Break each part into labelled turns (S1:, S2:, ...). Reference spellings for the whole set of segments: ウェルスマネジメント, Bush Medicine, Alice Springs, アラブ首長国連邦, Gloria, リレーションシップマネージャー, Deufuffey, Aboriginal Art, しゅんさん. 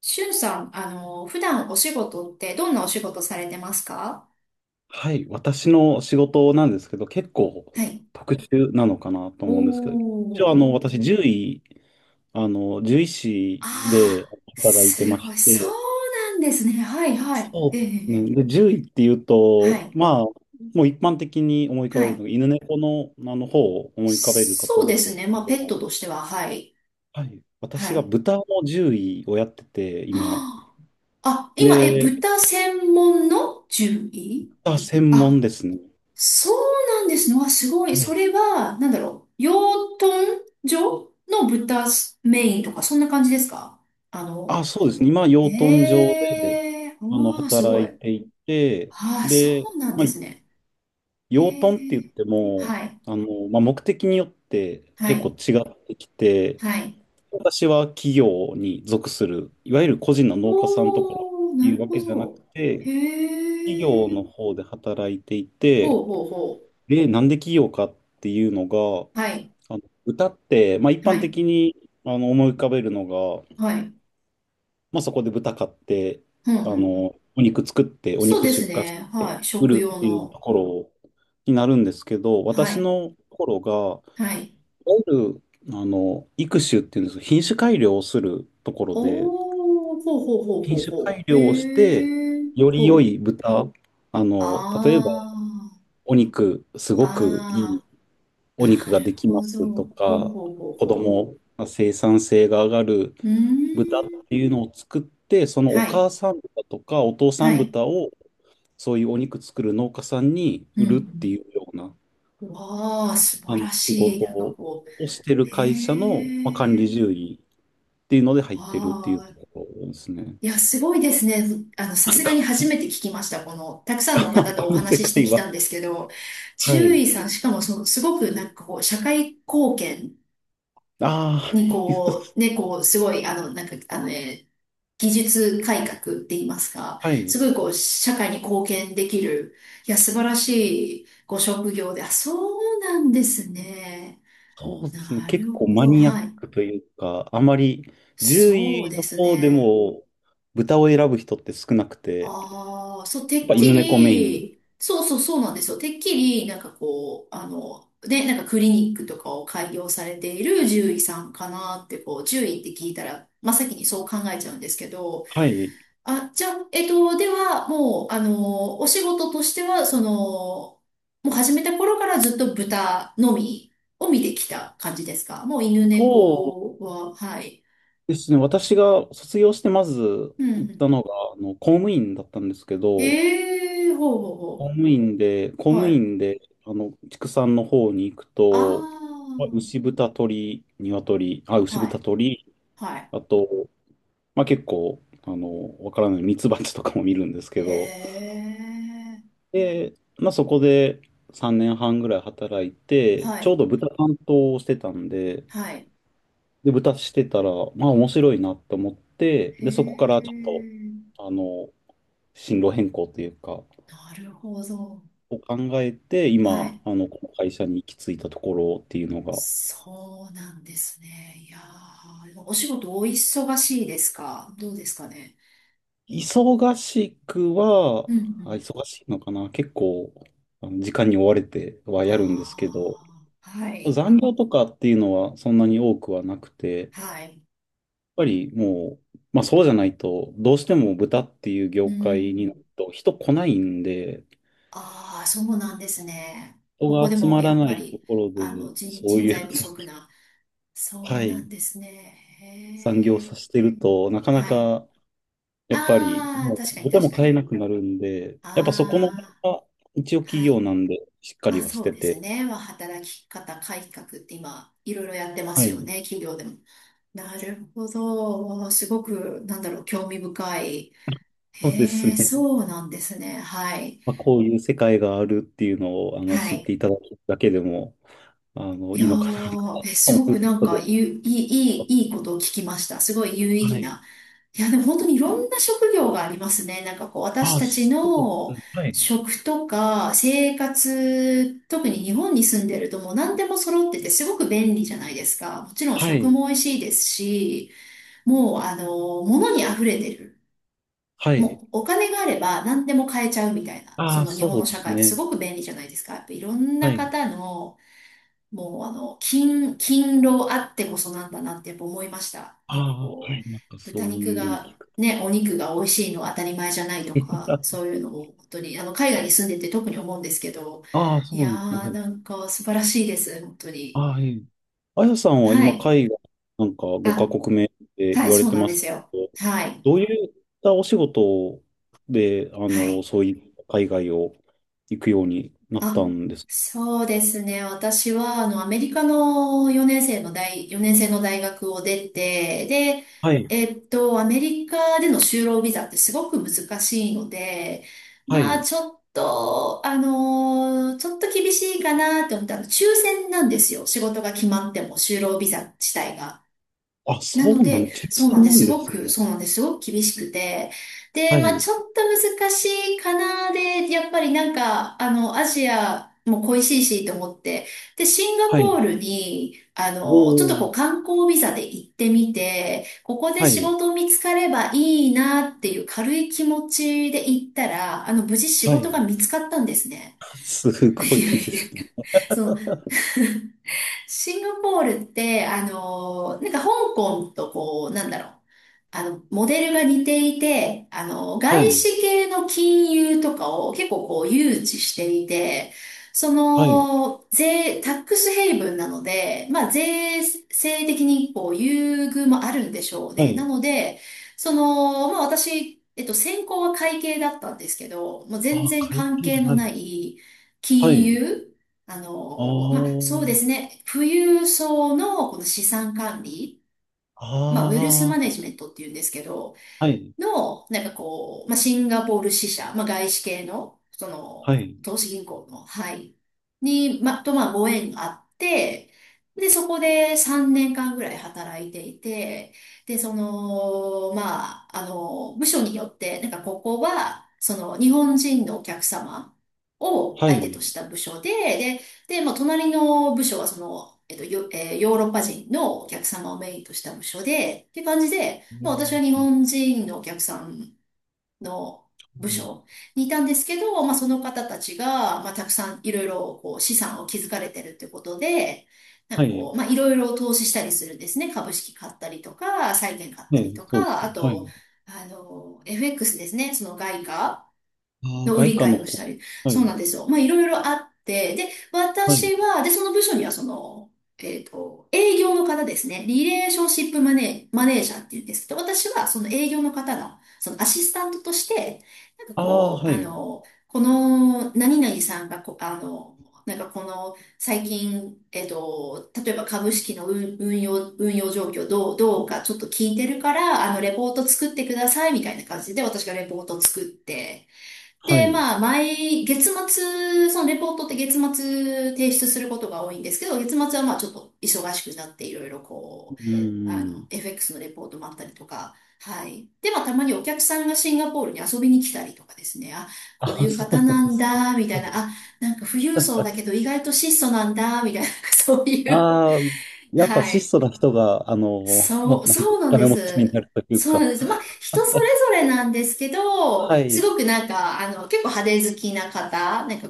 S1: しゅんさん、普段お仕事ってどんなお仕事されてますか？
S2: はい、私の仕事なんですけど、結構
S1: はい。
S2: 特殊なのかなと
S1: お
S2: 思うんですけど、一応
S1: ー。
S2: 私、獣医師で
S1: ああ、
S2: 働いて
S1: す
S2: ま
S1: ご
S2: し
S1: い。そう
S2: て、
S1: なんですね。はい、はい。
S2: そ
S1: ええ、
S2: うです
S1: え
S2: ね。
S1: え。
S2: で、獣医っていう
S1: は
S2: と、
S1: い、
S2: まあ、もう一般的に思い浮か
S1: は
S2: べるの
S1: い。
S2: が、犬猫の、あの方を思い浮かべるか
S1: そ
S2: と
S1: う
S2: 思
S1: で
S2: うんで
S1: す
S2: す
S1: ね。
S2: け
S1: まあ、ペット
S2: ど、
S1: としては、はい、
S2: はい、私
S1: は
S2: が
S1: い。
S2: 豚の獣医をやってて、
S1: は
S2: 今。
S1: あ、今、
S2: で、
S1: 豚専門の獣医？
S2: 豚専門
S1: あ、
S2: ですね。
S1: そうなんですね。わ、すごい。
S2: は
S1: そ
S2: い
S1: れは、なんだろう。養豚場の豚メインとか、そんな感じですか？あの、
S2: そうですね。今、
S1: へ
S2: 養豚場で、
S1: え、おー、す
S2: 働
S1: ごい。
S2: いていて、
S1: ああ、そ
S2: で、
S1: うなん
S2: ま
S1: で
S2: あ、
S1: すね。へ
S2: 養豚って言っ
S1: え、
S2: ても、
S1: はい、
S2: まあ、目的によって
S1: は
S2: 結構
S1: い、
S2: 違ってきて、
S1: はい。
S2: 私は企業に属する、いわゆる個人の農家さんとかっ
S1: おー、
S2: て
S1: な
S2: い
S1: る
S2: うわ
S1: ほ
S2: けじゃなく
S1: ど。
S2: て、
S1: へ
S2: 企業
S1: え、
S2: の方で働いてい
S1: ほ
S2: て、
S1: うほうほ
S2: で、なんで企業かっていうのが、
S1: う。はい、
S2: 歌って、まあ、一
S1: は
S2: 般
S1: い、
S2: 的に思い浮かべるのが、
S1: はい。
S2: まあ、そこで豚買って、
S1: ふんふんふん。
S2: お肉作って、お
S1: そう
S2: 肉
S1: です
S2: 出荷し
S1: ね。
S2: て、
S1: はい、
S2: 売
S1: 食
S2: るっ
S1: 用
S2: ていうと
S1: の。
S2: ころになるんですけど、
S1: は
S2: 私
S1: い、
S2: のところが、
S1: はい。
S2: いわゆる、育種っていうんですか、品種改良をするところで、
S1: おー、ほうほうほう
S2: 品
S1: ほう
S2: 種
S1: ほ
S2: 改
S1: う。
S2: 良をし
S1: へ
S2: て、
S1: え、
S2: よ
S1: ほ
S2: り良い
S1: う。
S2: 豚、例えば、
S1: あ
S2: お肉、すごくい
S1: あ、
S2: い
S1: あ
S2: お
S1: あ、
S2: 肉
S1: な
S2: が
S1: る
S2: できま
S1: ほど。
S2: すと
S1: ほう
S2: か、
S1: ほうほう
S2: 子
S1: ほ
S2: 供、生産性が上がる
S1: う。う
S2: 豚っ
S1: ーん。
S2: ていうのを作って、その
S1: は
S2: お
S1: い、
S2: 母さん豚とかお父さ
S1: は
S2: ん
S1: い。
S2: 豚をそういうお肉作る農家さんに
S1: う
S2: 売るって
S1: ん。
S2: いうような
S1: うん、わあ、素
S2: あ
S1: 晴
S2: の
S1: ら
S2: 仕
S1: しい。
S2: 事をしてる
S1: へ
S2: 会社の、まあ、管理
S1: え。
S2: 獣医っていうので入ってるってい
S1: あ
S2: うと
S1: あ、
S2: ころですね。
S1: いや、すごいですね。さ
S2: な
S1: す
S2: ん
S1: がに
S2: か、
S1: 初めて聞きました。この、たくさんの
S2: ま
S1: 方
S2: あ、
S1: と
S2: こ
S1: お
S2: の世
S1: 話しして
S2: 界
S1: き
S2: は。
S1: たんですけど、
S2: は
S1: 獣
S2: い。
S1: 医さん、しかもその、すごく社会貢献
S2: あ
S1: にこう、ね、こう、すごい、技術改革って言いますか、
S2: あ、は
S1: す
S2: い。
S1: ごいこう、社会に貢献できる、いや、素晴らしいご職業で、そうなんですね。
S2: そうですね。
S1: な
S2: 結
S1: る
S2: 構
S1: ほ
S2: マ
S1: ど、
S2: ニア
S1: は
S2: ッ
S1: い。
S2: クというか、あまり獣
S1: そう
S2: 医
S1: で
S2: の
S1: す
S2: 方で
S1: ね。
S2: も豚を選ぶ人って少なくて、や
S1: ああ、そう、
S2: っ
S1: てっ
S2: ぱ
S1: き
S2: 犬猫メイン。
S1: り、そうなんですよ。てっきり、なんかこう、あの、で、なんかクリニックとかを開業されている獣医さんかなって、こう、獣医って聞いたら、真っ先にそう考えちゃうんですけど。
S2: はい。
S1: じゃあ、えっと、では、もう、あの、お仕事としては、始めた頃からずっと豚のみを見てきた感じですか？もう犬
S2: そ
S1: 猫は、はい。
S2: うですね。私が卒業してまず
S1: うんう
S2: 行っ
S1: ん。
S2: たのが、公務員だったんですけど、
S1: ええ、ほうほう
S2: 公
S1: ほ
S2: 務員で、公
S1: う。
S2: 務
S1: はい。
S2: 員で、畜産の方に行くと、
S1: あ
S2: まあ牛豚鳥、
S1: あ、
S2: 牛
S1: は
S2: 豚
S1: い、
S2: 鳥、
S1: はい。
S2: あと、まあ結構、わからないミツバチとかも見るんですけ
S1: へ
S2: ど、
S1: え、
S2: で、まあそこで3年半ぐらい働いて、
S1: は
S2: ちょう
S1: い、
S2: ど豚担当をしてたんで、
S1: はい。
S2: で、豚してたら、まあ面白いなと思って、
S1: へ
S2: で、そこからちょっと、
S1: え、
S2: あの、進路変更というか、
S1: なるほど。
S2: を考えて、
S1: は
S2: 今、
S1: い。
S2: この会社に行き着いたところっていうのが、
S1: そうなんですね。いやー、でもお仕事お忙しいですか、どうですかね？
S2: 忙しくは、
S1: うんうん。
S2: 忙しいのかな、結構、時間に追われてはやるんですけど、
S1: ああ、はい、
S2: 残業とかっていうのはそんなに多くはなくて、やっ
S1: はい。
S2: ぱりもう、まあそうじゃないと、どうしても豚っていう
S1: う
S2: 業界にな
S1: ん。
S2: ると人来ないんで、
S1: ああ、そうなんですね。
S2: 人
S1: ここ
S2: が
S1: で
S2: 集
S1: も
S2: ま
S1: や
S2: ら
S1: っ
S2: な
S1: ぱ
S2: いと
S1: り、
S2: ころで、そう
S1: 人
S2: い
S1: 材
S2: う、
S1: 不 足な。そ
S2: は
S1: うなん
S2: い、
S1: ですね。
S2: 産業を
S1: へえ。
S2: させてると、なかな
S1: はい。
S2: か、やっぱり、
S1: ああ、
S2: も
S1: 確か
S2: う、
S1: に
S2: 豚
S1: 確
S2: も
S1: か
S2: 飼え
S1: に。
S2: なくなるんで、やっぱそこの辺
S1: あ
S2: は、一応
S1: あ、
S2: 企
S1: は
S2: 業
S1: い。
S2: なんで、しっかり
S1: あ、
S2: はし
S1: そう
S2: て
S1: です
S2: て、
S1: ね。まあ、働き方改革って今、いろいろやってま
S2: は
S1: すよ
S2: い、
S1: ね、企業でも。なるほど。わあ、すごく、なんだろう、興味深い。
S2: そうです
S1: へえ、
S2: ね。
S1: そうなんですね。はい。
S2: まあ、こういう世界があるっていうのを、
S1: は
S2: 知って
S1: い。
S2: いただくだけでも、
S1: い
S2: い
S1: や
S2: いのかな
S1: ー、
S2: と
S1: す
S2: 思
S1: ごく
S2: うと
S1: な
S2: こ
S1: ん
S2: ろ
S1: か、
S2: で。
S1: ゆ、いい、いい、いいことを聞きました。すごい有意
S2: は
S1: 義
S2: い。
S1: な。いや、でも本当にいろんな職業がありますね。なんかこう、私
S2: ああ、
S1: たち
S2: そうで
S1: の
S2: す。はい。
S1: 食とか生活、特に日本に住んでるともう何でも揃っててすごく便利じゃないですか。もちろん
S2: は
S1: 食
S2: い。
S1: も美味しいですし、もうあの、物に溢れてる。
S2: はい。
S1: もうお金があれば何でも買えちゃうみたいな、
S2: あ
S1: そ
S2: あ、
S1: の日
S2: そ
S1: 本の
S2: うで
S1: 社
S2: す
S1: 会ってす
S2: ね。
S1: ごく便利じゃないですか。やっぱいろん
S2: は
S1: な
S2: い。
S1: 方の、もうあの、勤、勤労あってこそなんだなってやっぱ思いました。
S2: あ
S1: なんか
S2: あ、は
S1: こう、
S2: い、なんか
S1: 豚
S2: そう
S1: 肉
S2: いうのを
S1: が、
S2: 聞く。
S1: ね、お肉が美味しいのは当たり前じゃないとか、そ ういうのを本当に、海外に住んでて特に思うんですけど、
S2: ああ、そ
S1: い
S2: うな
S1: や
S2: んですね。は
S1: ー、
S2: い。
S1: なんか素晴らしいです、本当
S2: あ
S1: に。
S2: あ、はいあやさんは
S1: は
S2: 今、
S1: い。
S2: 海外、なんか
S1: あ、
S2: 5カ国目って
S1: は
S2: 言
S1: い、
S2: われ
S1: そう
S2: て
S1: なん
S2: ま
S1: で
S2: す
S1: す
S2: け
S1: よ。
S2: ど、
S1: はい。
S2: どういったお仕事で、
S1: はい。
S2: そういう海外を行くようになっ
S1: あ、
S2: たんですか？
S1: そうですね。私は、アメリカの4年生の大学を出て、で、
S2: はい、
S1: えっと、アメリカでの就労ビザってすごく難しいので、
S2: は
S1: まあ、
S2: い。
S1: ちょっと厳しいかなって思ったら、抽選なんですよ。仕事が決まっても、就労ビザ自体が。な
S2: そ
S1: の
S2: うなん、
S1: で、
S2: 挑
S1: そうなん
S2: 戦
S1: で
S2: な
S1: す。
S2: ん
S1: す
S2: で
S1: ご
S2: す
S1: く、
S2: ね。
S1: そうなんです。すごく厳しくて。で、
S2: は
S1: まあ
S2: い、
S1: ちょっと難しいかなで、やっぱりなんか、アジアも恋しいしと思って、で、シンガ
S2: は
S1: ポ
S2: い。
S1: ールに、
S2: お
S1: ちょっと
S2: ー、
S1: こう観光ビザで行ってみて、ここで
S2: は
S1: 仕
S2: い、
S1: 事見つかればいいなっていう軽い気持ちで行ったら、無事仕
S2: は
S1: 事が
S2: い。
S1: 見つかったんですね。
S2: す
S1: い
S2: ごい
S1: や
S2: で
S1: いやい
S2: す
S1: や、
S2: ね。
S1: そう。シンガポールって、香港とこう、なんだろう、モデルが似ていて、
S2: は
S1: 外
S2: い、
S1: 資系の金融とかを結構こう誘致していて、
S2: はい、
S1: タックスヘイブンなので、まあ、税制的にこう優遇もあるんでしょう
S2: は
S1: ね。な
S2: い。
S1: ので、私、えっと、専攻は会計だったんですけど、もう全
S2: あ、
S1: 然
S2: 海
S1: 関
S2: 外、
S1: 係の
S2: は
S1: な
S2: い、
S1: い
S2: は
S1: 金
S2: い。
S1: 融、
S2: お
S1: そうで
S2: ー、
S1: すね、富裕層のこの資産管理、まあ、ウェルス
S2: あ
S1: マネジメントっていうんですけど、
S2: あ、はい、
S1: の、シンガポール支社、まあ、外資系の、そ
S2: は
S1: の、
S2: い、
S1: 投資銀行の、はい、に、まあ、ご縁があって、で、そこで3年間ぐらい働いていて、で、部署によって、なんかここは、その、日本人のお客様を
S2: は
S1: 相手と
S2: い。
S1: した部署で、で、まあ、隣の部署はその、ヨーロッパ人のお客様をメインとした部署で、っていう感じで、
S2: う
S1: まあ、私は
S2: ん
S1: 日本人のお客さんの部署にいたんですけど、まあ、その方たちが、まあ、たくさんいろいろこう資産を築かれてるってことで、
S2: はい、
S1: いろいろ投資したりするんですね。株式買ったりとか、債券買っ
S2: は
S1: たり
S2: い、
S1: と
S2: そうです
S1: か、あ
S2: ね。は
S1: と、
S2: い。
S1: FX ですね。その外貨
S2: ああ、
S1: の売
S2: 外
S1: り
S2: 貨
S1: 買
S2: の
S1: い
S2: 方。
S1: をしたり。
S2: は
S1: そう
S2: い、
S1: なんですよ。まあ、いろいろあって、で、
S2: はい。
S1: 私は、で、その部署には、その、えっと、営業の方ですね。リレーションシップマネー、マネージャーっていうんですけど、私はその営業の方の、そのアシスタントとして、
S2: ああ、はい、
S1: 何々さんがこあの、なんかこの最近、えっと、例えば株式の運用状況どうかちょっと聞いてるから、レポート作ってくださいみたいな感じで私がレポートを作って、
S2: は
S1: で、
S2: い。
S1: 月末、そのレポートって月末提出することが多いんですけど、月末はまあちょっと忙しくなっていろいろこ
S2: う
S1: う、
S2: ん。
S1: FX のレポートもあったりとか、はい。で、まあ、たまにお客さんがシンガポールに遊びに来たりとかですね、あ、
S2: あ
S1: こういう
S2: そう
S1: 方
S2: な
S1: な
S2: んで
S1: ん
S2: すね。
S1: だ、みたいな、富裕層だけど意外と質素なんだ、みたいな、そういう、
S2: ああ、やっぱ
S1: は
S2: 質
S1: い。
S2: 素な人が、なんか
S1: そう
S2: お
S1: なんで
S2: 金持ちに
S1: す。
S2: なるという
S1: そうなん
S2: か。
S1: です。まあ、人それぞれなんですけど、
S2: は
S1: す
S2: い、
S1: ごくなんか、結構派手好きな方、なんか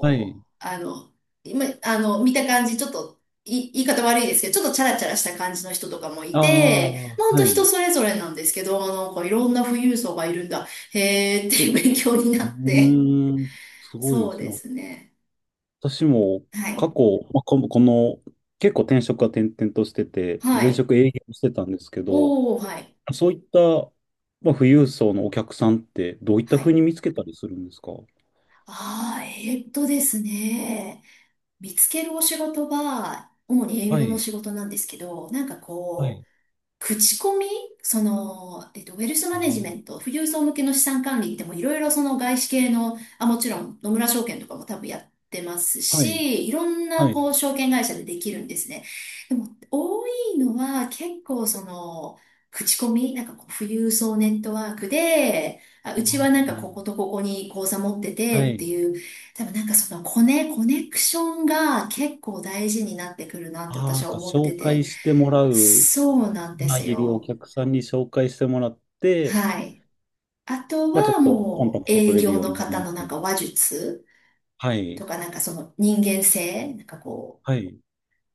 S2: はい。
S1: う、あの、今、あの、見た感じ、ちょっと、い、言い方悪いですけど、ちょっとチャラチャラした感じの人とかもい
S2: あ
S1: て、ま
S2: あ、
S1: あ、ほんと
S2: はい。
S1: 人
S2: う
S1: それぞれなんですけど、なんかいろんな富裕層がいるんだ、へーっていう 勉強になって。
S2: ーん、すごいで
S1: そう
S2: すね。
S1: ですね。
S2: 私も
S1: は
S2: 過
S1: い。
S2: 去、まあ、この結構転職は転々としてて、
S1: は
S2: 前
S1: い。
S2: 職営業してたんですけど、
S1: おー、はい。
S2: そういった、まあ、富裕層のお客さんってどういった
S1: は
S2: ふう
S1: い。
S2: に見つけたりするんですか？
S1: えーっとですね、見つけるお仕事は、主に営
S2: は
S1: 業の
S2: い、
S1: 仕事なんですけど、なんか
S2: は
S1: こ
S2: い、
S1: う、口コミ、ウェルスマ
S2: あ
S1: ネジメント、富裕層向けの資産管理でもいろいろその外資系の、あ、もちろん野村証券とかも多分やってます
S2: ーはい、
S1: し、いろんな
S2: はい、
S1: こう証券会社でできるんですね。でも多いのは結構その、口コミ、なんかこう富裕層ネットワークで、あ、うち
S2: あ
S1: はなんか
S2: ー
S1: こことここに口座持って
S2: は
S1: てって
S2: い、
S1: いう、多分なんかそのコネクションが結構大事になってくるなって
S2: ああ、な
S1: 私
S2: ん
S1: は
S2: か
S1: 思って
S2: 紹
S1: て。
S2: 介してもらう、
S1: そうなんで
S2: まあ、
S1: す
S2: いるお
S1: よ。
S2: 客さんに紹介してもらって、
S1: はい。あと
S2: まあ、ちょっ
S1: は
S2: とコンタ
S1: も
S2: ク
S1: う
S2: ト取
S1: 営
S2: れる
S1: 業
S2: よう
S1: の
S2: になる
S1: 方
S2: み
S1: の
S2: た
S1: なん
S2: いな。
S1: か話術
S2: はい、
S1: とか、なんかその人間性、
S2: はい、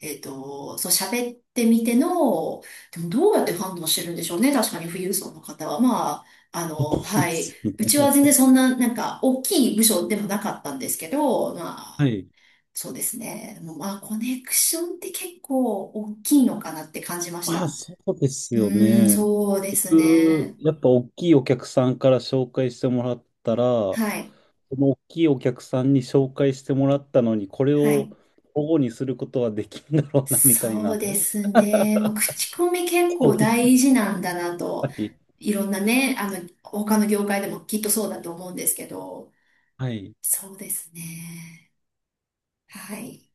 S1: そう喋ってみての、でもどうやって判断してるんでしょうね、確かに富裕層の方は。まあ、
S2: そう
S1: は
S2: で
S1: い、
S2: す
S1: うちは全
S2: ね。
S1: 然そんななんか大きい部署でもなかったんですけど、ま
S2: は
S1: あ、
S2: い。
S1: そうですね、もうまあ、コネクションって結構大きいのかなって感じまし
S2: まあ、
S1: た。
S2: そうです
S1: う
S2: よ
S1: ーん、
S2: ね。
S1: そうです
S2: 僕
S1: ね。
S2: やっぱ大きいお客さんから紹介してもらったら、そ
S1: はい。
S2: の大きいお客さんに紹介してもらったのに、これ
S1: はい。
S2: を保護にすることはできんだろうな、みたい
S1: そう
S2: な、
S1: ですね。まあ、口コミ結
S2: そ
S1: 構
S2: うい
S1: 大
S2: う
S1: 事なんだなと、
S2: はい。
S1: いろんなね、他の業界でもきっとそうだと思うんですけど、
S2: はい。
S1: そうですね。はい。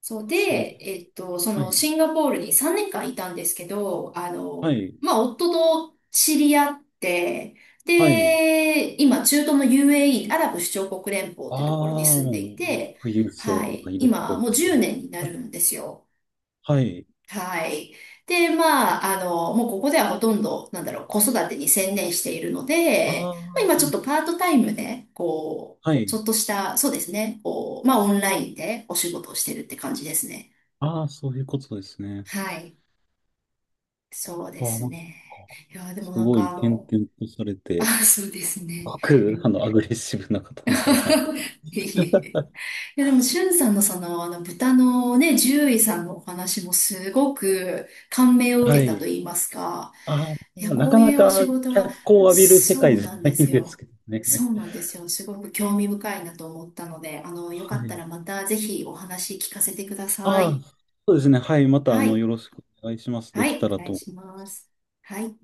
S1: そう
S2: すごく。
S1: で、えっと、そ
S2: は
S1: の
S2: い。
S1: シンガポールに3年間いたんですけど、
S2: はい。
S1: 夫と知り合って、
S2: はい。
S1: で、今、中東の UAE、アラブ首長国連邦っ
S2: あ
S1: ていうところに
S2: あ、
S1: 住んでい
S2: もう、
S1: て、
S2: 富裕
S1: は
S2: 層が
S1: い。
S2: いるとこ
S1: 今、
S2: ろ
S1: も
S2: で
S1: う
S2: すね。
S1: 10年になるんですよ。
S2: はい。
S1: はい。で、もうここではほとんど、なんだろう、子育てに専念しているの
S2: あ
S1: で、まあ、今ちょ
S2: あ、
S1: っとパートタイムで、こう、
S2: は
S1: ち
S2: い。
S1: ょっとした、そうですね、こう、まあ、オンラインでお仕事をしてるって感じですね。
S2: ああ、そういうことですね。
S1: はい。そうで
S2: ああ、
S1: す
S2: なんか、
S1: ね。いや、でも
S2: す
S1: なん
S2: ごい
S1: かあ
S2: 転
S1: の、
S2: 々とされ
S1: あ、
S2: て、
S1: そうですね。
S2: ごくあの、アグレッシブな方 なんだなと。
S1: いえいえ、いや、でも、しゅんさんのその、豚のね、獣医さんのお話もすごく感銘を受
S2: は
S1: けたと
S2: い。
S1: 言いますか、
S2: あ
S1: いや、
S2: ー、な
S1: こ
S2: か
S1: うい
S2: な
S1: うお仕
S2: か
S1: 事は、
S2: 脚光を浴びる世
S1: そ
S2: 界
S1: う
S2: じゃ
S1: なん
S2: な
S1: で
S2: い
S1: す
S2: んです
S1: よ。
S2: けどね。
S1: そうなんですよ。すごく興味深いなと思ったので、よか
S2: は
S1: った
S2: い。
S1: らまたぜひお話聞かせてくださ
S2: ああ、
S1: い。
S2: そうですね。はい。また、
S1: はい。
S2: よろしくお願いします。
S1: は
S2: できた
S1: い。お
S2: ら
S1: 願い
S2: と。
S1: します。はい。